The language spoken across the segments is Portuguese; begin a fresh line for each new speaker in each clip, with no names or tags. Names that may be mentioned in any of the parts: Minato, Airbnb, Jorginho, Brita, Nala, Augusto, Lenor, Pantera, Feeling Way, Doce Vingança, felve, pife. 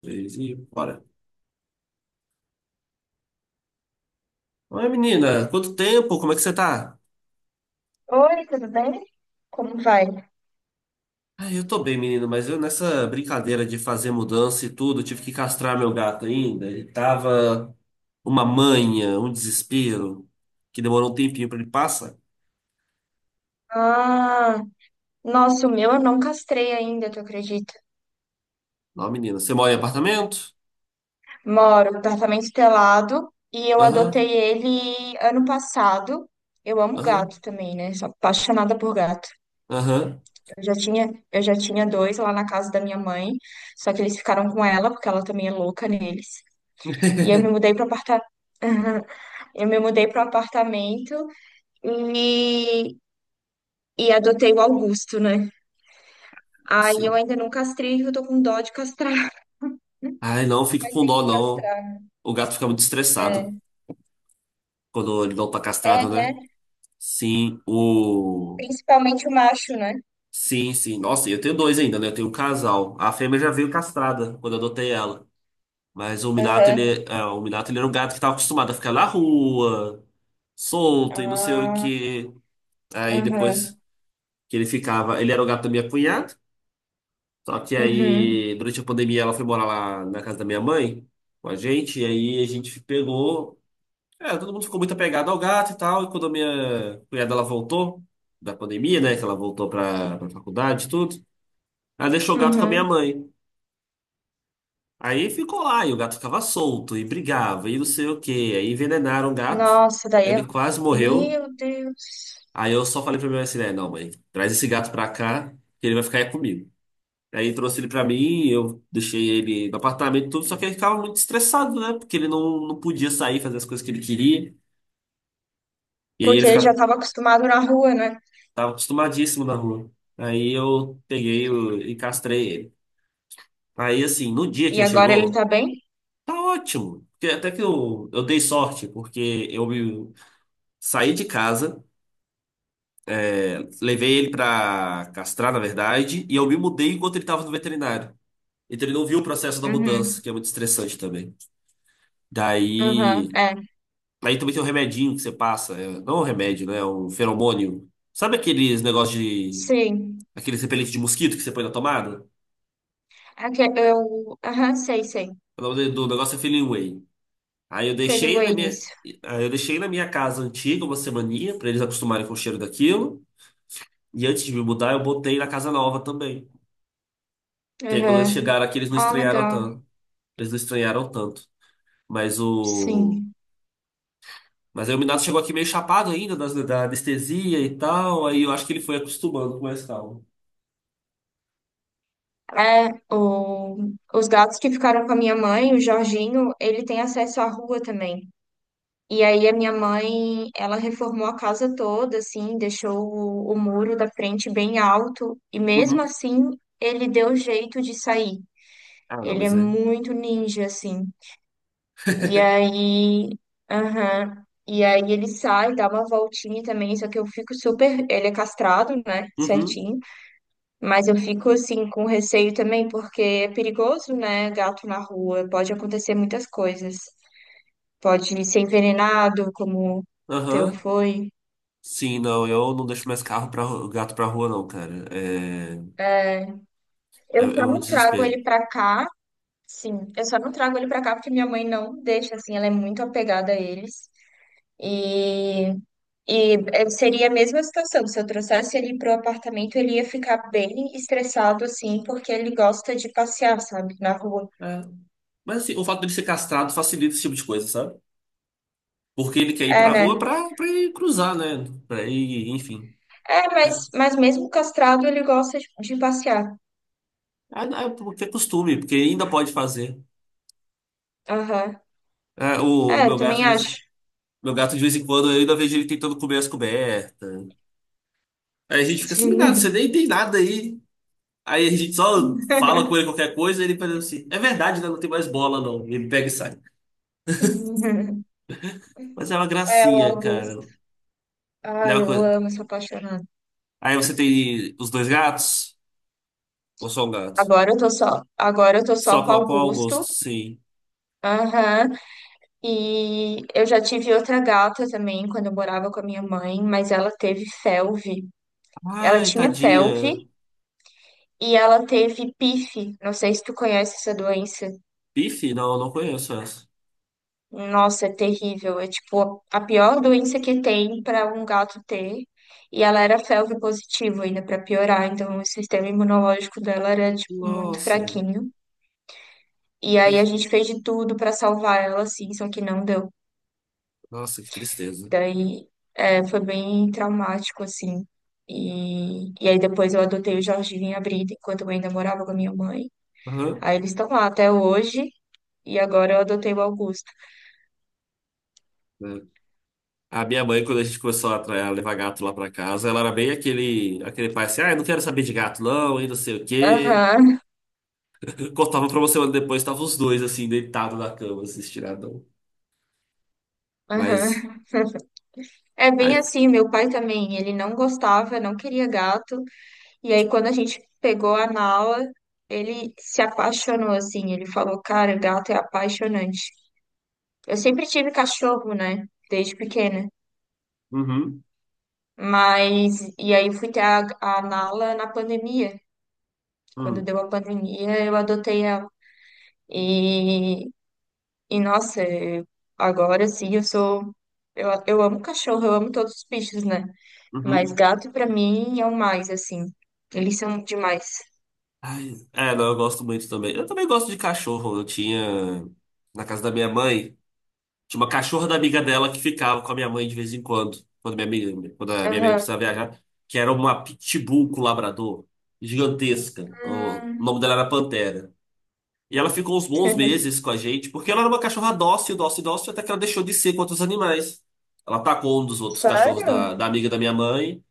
Três e bora. Oi, menina, quanto tempo? Como é que você tá?
Oi, tudo bem? Como vai?
Ah, eu tô bem, menino, mas eu nessa brincadeira de fazer mudança e tudo, eu tive que castrar meu gato ainda. Ele tava uma manha, um desespero, que demorou um tempinho pra ele passar.
Ah, nossa, o meu eu não castrei ainda, tu acredita?
Não, menina, você mora em apartamento?
Moro no apartamento telado e eu
Aham,
adotei ele ano passado. Eu amo gato
aham,
também, né? Sou apaixonada por gato.
aham.
Eu já tinha dois lá na casa da minha mãe, só que eles ficaram com ela porque ela também é louca neles. E eu me mudei para aparta... eu me mudei para o apartamento e e adotei o Augusto, né? Aí eu
Sim.
ainda não castrei, eu tô com dó de castrar.
Ai, não, fica
Mas
com
tem
dó,
que
não.
castrar, né?
O gato fica muito estressado quando ele não tá
É,
castrado, né?
né?
Sim, o.
Principalmente o macho, né?
Sim, sim. Nossa, e eu tenho dois ainda, né? Eu tenho um casal. A fêmea já veio castrada quando eu adotei ela. Mas o Minato,
Aham.
ele era um gato que estava acostumado a ficar na rua, solto e não sei o
Ah,
que. Aí
aham.
depois que ele ficava, ele era o gato da minha cunhada. Só que
Uhum.
aí, durante a pandemia, ela foi morar lá na casa da minha mãe com a gente. E aí a gente pegou. É, todo mundo ficou muito apegado ao gato e tal. E quando a minha cunhada ela voltou da pandemia, né? Que ela voltou pra faculdade e tudo. Ela deixou o gato com a minha
Uhum.
mãe. Aí ficou lá, e o gato ficava solto, e brigava, e não sei o quê. Aí envenenaram o gato,
Nossa, daí eu...
ele quase morreu.
Meu Deus.
Aí eu só falei pra minha mãe assim, né, não, mãe, traz esse gato pra cá, que ele vai ficar aí comigo. Aí trouxe ele pra mim, eu deixei ele no apartamento e tudo, só que ele ficava muito estressado, né? Porque ele não podia sair, fazer as coisas que ele queria. E aí
Porque ele já estava acostumado na rua, né?
tava acostumadíssimo na rua. Aí eu peguei e castrei ele. Aí, assim, no dia que
E
ele
agora ele
chegou,
tá bem?
tá ótimo. Porque até que eu dei sorte, porque eu me saí de casa, levei ele pra castrar, na verdade, e eu me mudei enquanto ele tava no veterinário. Então ele não viu o processo da mudança,
Uhum.
que é muito estressante também.
Aham.
Daí.
É.
Aí também tem um remedinho que você passa, é, não é um remédio, né? É um feromônio. Sabe aqueles negócios de.
Sim.
Aqueles repelentes de mosquito que você põe na tomada?
É que eu... Aham, sei, sei.
O nome do negócio é Feeling Way. Aí eu
Feliu
deixei na minha.
eles.
Aí eu deixei na minha casa antiga uma semaninha, pra eles acostumarem com o cheiro daquilo. E antes de me mudar, eu botei na casa nova também. Que aí quando eles
Aham.
chegaram aqui, eles não
Ah,
estranharam
legal.
tanto. Eles não estranharam tanto. Mas o.
Sim.
Mas aí o Minato chegou aqui meio chapado ainda da anestesia e tal. Aí eu acho que ele foi acostumando com mais calma.
É, o... os gatos que ficaram com a minha mãe, o Jorginho, ele tem acesso à rua também. E aí a minha mãe, ela reformou a casa toda, assim, deixou o muro da frente bem alto e
Uhum.
mesmo assim ele deu jeito de sair.
Ah, não,
Ele é
mas é.
muito ninja, assim. E aí, aham. E aí ele sai, dá uma voltinha também, só que eu fico super, ele é castrado, né,
Uhum.
certinho, mas eu fico assim com receio também porque é perigoso, né, gato na rua, pode acontecer muitas coisas. Pode ser envenenado, como o teu
Aham.
foi.
Sim, não, eu não deixo mais carro para gato pra rua, não, cara. É, é,
Eu
é
só
um
não trago
desespero.
ele pra cá, sim. Eu só não trago ele pra cá porque minha mãe não deixa, assim, ela é muito apegada a eles. E, seria a mesma situação. Se eu trouxesse ele pro apartamento, ele ia ficar bem estressado, assim, porque ele gosta de passear, sabe, na rua.
É. Mas assim, o fato dele ser castrado facilita esse tipo de coisa, sabe? Porque ele quer ir
É,
pra rua
né?
pra, ir cruzar, né? Pra ir, enfim.
É,
Ah,
mas mesmo castrado, ele gosta de passear.
é porque é costume, porque ainda pode fazer.
Aham.
Ah, o
É, eu
meu gato,
também acho.
de vez em quando, eu ainda vejo ele tentando comer as cobertas. Aí a gente fica assim, nada, você nem tem nada aí. Aí a gente só fala com ele qualquer coisa e ele fala assim: é verdade, né? Não tem mais bola, não. E ele pega e sai. Mas é uma
É, o
gracinha,
Augusto.
cara. Ele é
Ai,
uma
eu
coisa.
amo, sou apaixonada.
Aí você tem os dois gatos? Ou só um gato?
Agora eu tô só
Só
com o
qual o gosto?
Augusto.
Sim.
Aham. E eu já tive outra gata também quando eu morava com a minha mãe, mas ela teve felve. Ela
Ai,
tinha felve
tadinha.
e ela teve pife. Não sei se tu conhece essa doença.
Bife? Não, não conheço essa.
Nossa, é terrível. É tipo a pior doença que tem para um gato ter. E ela era felve positivo ainda para piorar, então o sistema imunológico dela era tipo, muito
Nossa.
fraquinho. E aí a
Ai,
gente fez de tudo para salvar ela, assim, só que não deu.
nossa, que tristeza.
Daí é, foi bem traumático, assim. E aí depois eu adotei o Jorginho e a Brita enquanto eu ainda morava com a minha mãe.
Aham.
Aí eles estão lá até hoje. E agora eu adotei o Augusto.
É. A minha mãe, quando a gente começou a a levar gato lá pra casa, ela era bem aquele, pai assim, ah, eu não quero saber de gato não, e não sei o quê.
Aham,
Cortava pra uma semana depois, estavam os dois assim, deitados na cama, assim, estiradão. Mas,
aham. É
ai,
bem assim, meu pai também. Ele não gostava, não queria gato. E aí quando a gente pegou a Nala, ele se apaixonou, assim. Ele falou, cara, gato é apaixonante. Eu sempre tive cachorro, né? Desde pequena.
uhum,
Mas, e aí eu fui ter a Nala na pandemia. Quando
uhum,
deu a pandemia, eu adotei ela. E, e nossa, eu- agora sim eu sou. Eu amo cachorro, eu amo todos os bichos, né? Mas
uhum.
gato pra mim é o mais, assim. Eles são demais.
Ai, é, não, eu gosto muito também. Eu também gosto de cachorro, eu tinha na casa da minha mãe. Tinha uma cachorra da amiga dela que ficava com a minha mãe de vez em quando, quando a minha amiga
Aham.
precisava viajar, que era uma pitbull com labrador, gigantesca. O
Hum.
nome dela era Pantera. E ela ficou uns bons meses com a gente, porque ela era uma cachorra dócil, dócil, dócil, até que ela deixou de ser com outros animais. Ela atacou um dos outros cachorros
Sério?
da, amiga da minha mãe.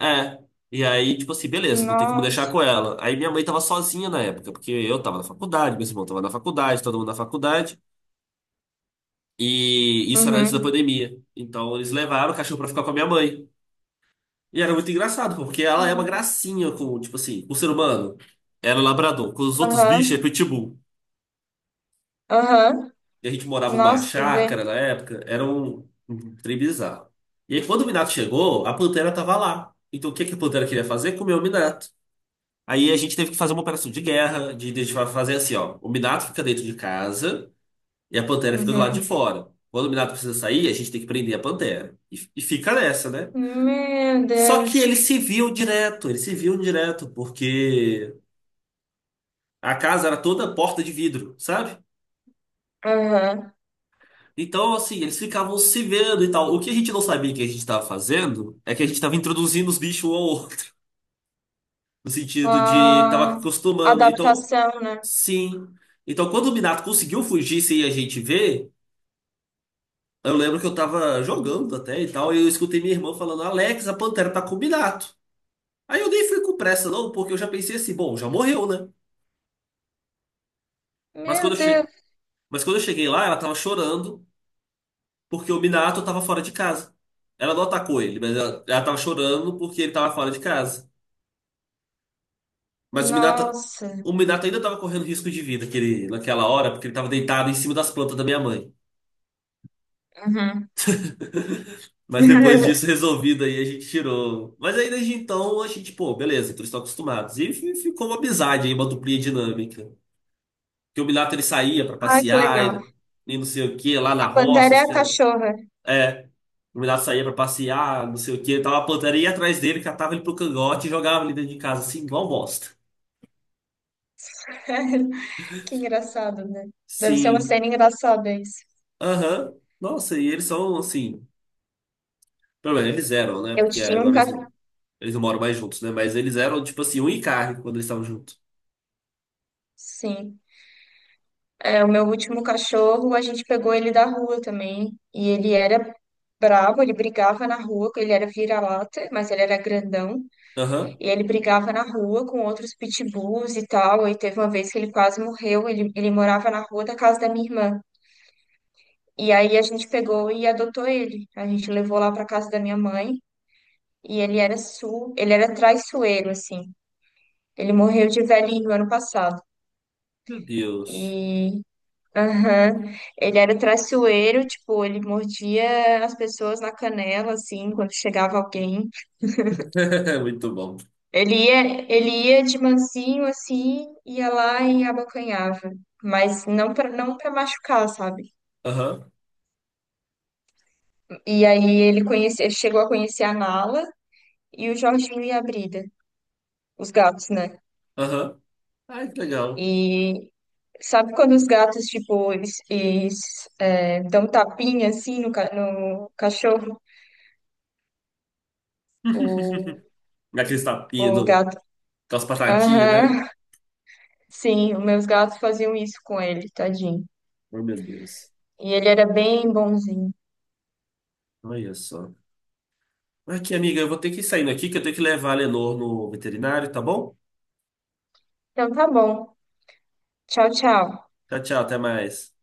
É. E aí, tipo assim, beleza, não tem como deixar
Nossa.
com ela. Aí minha mãe tava sozinha na época, porque eu tava na faculdade, meu irmão tava na faculdade, todo mundo na faculdade. E isso era antes da
Uhum.
pandemia. Então eles levaram o cachorro pra ficar com a minha mãe. E era muito engraçado, porque ela é uma
Hum.
gracinha com, tipo assim, o ser humano. Era labrador. Com os outros bichos é
Aham.
pitbull.
Aham.
E a gente morava numa
Nossa, tu vê?
chácara na época. Era um trem bizarro. E aí quando o Minato chegou, a Pantera tava lá. Então o que que a Pantera queria fazer? Comer o Minato. Aí a gente teve que fazer uma operação de guerra, de fazer assim, ó. O Minato fica dentro de casa. E a Pantera fica do lado de
Uhum.
fora. Quando o Minato precisa sair, a gente tem que prender a Pantera. E fica nessa, né?
Meu
Só
Deus.
que eles se viam direto, eles se viam direto, porque a casa era toda porta de vidro, sabe?
Aham.
Então, assim, eles ficavam se vendo e tal. O que a gente não sabia que a gente estava fazendo é que a gente estava introduzindo os bichos um ao outro, no sentido de estava
A
acostumando. Então,
adaptação, né?
sim. Então, quando o Minato conseguiu fugir sem a gente ver. Eu lembro que eu tava jogando até e tal, e eu escutei minha irmã falando, Alex, a Pantera tá com o Minato. Aí eu nem fui com pressa, não, porque eu já pensei assim, bom, já morreu, né? Mas quando
Meu
eu cheguei,
Deus,
mas quando eu cheguei lá, ela tava chorando porque o Minato tava fora de casa. Ela não atacou ele, mas ela tava chorando porque ele tava fora de casa. Mas o Minato,
nossa.
o Minato ainda tava correndo risco de vida aquele, naquela hora, porque ele tava deitado em cima das plantas da minha mãe.
Uhum.
Mas depois disso resolvido aí, a gente tirou. Mas aí desde então a gente, pô, beleza, então eles estão acostumados. E ficou uma amizade aí, uma duplinha dinâmica. Que o Minato ele saía pra
Ai, que
passear
legal.
e, não sei o que lá na
A
roça.
Pantera é a cachorra.
É, o Minato saía pra passear, não sei o que. Tava a plantaria ia atrás dele, catava ele pro cangote e jogava ele dentro de casa, assim, igual bosta.
Que engraçado, né? Deve ser uma
Sim,
cena engraçada isso.
aham. Nossa, e eles são assim. Pelo menos eles eram, né?
Eu
Porque
tinha um
agora eles,
cachorro.
eles não moram mais juntos, né? Mas eles eram, tipo assim, um e carne quando eles estavam juntos.
Sim. É, o meu último cachorro, a gente pegou ele da rua também. E ele era bravo, ele brigava na rua, ele era vira-lata, mas ele era grandão.
Aham.
E ele brigava na rua com outros pitbulls e tal. E teve uma vez que ele quase morreu. Ele morava na rua da casa da minha irmã. E aí a gente pegou e adotou ele. A gente levou lá para casa da minha mãe. E ele era su, ele era traiçoeiro, assim. Ele morreu de velhinho ano passado.
Meu Deus.
E aham, ele era traiçoeiro, tipo, ele mordia as pessoas na canela, assim, quando chegava alguém.
É muito bom.
Ele ia, ele ia de mansinho assim, ia lá e abocanhava, mas não para machucar, sabe?
Aham,
E aí ele conhece, chegou a conhecer a Nala e o Jorginho e a Brida, os gatos, né?
aham. Ai, que legal.
E sabe quando os gatos tipo eles, dão um tapinha assim no, ca- no cachorro, o,
Aqueles tapinhas,
o gato.
aquelas patadinhas, né?
Aham. Sim, os meus gatos faziam isso com ele, tadinho.
Oh, meu Deus.
E ele era bem bonzinho.
Olha só. Aqui, amiga, eu vou ter que ir saindo aqui, que eu tenho que levar a Lenor no veterinário, tá bom?
Então tá bom. Tchau, tchau.
Tchau, tchau, até mais.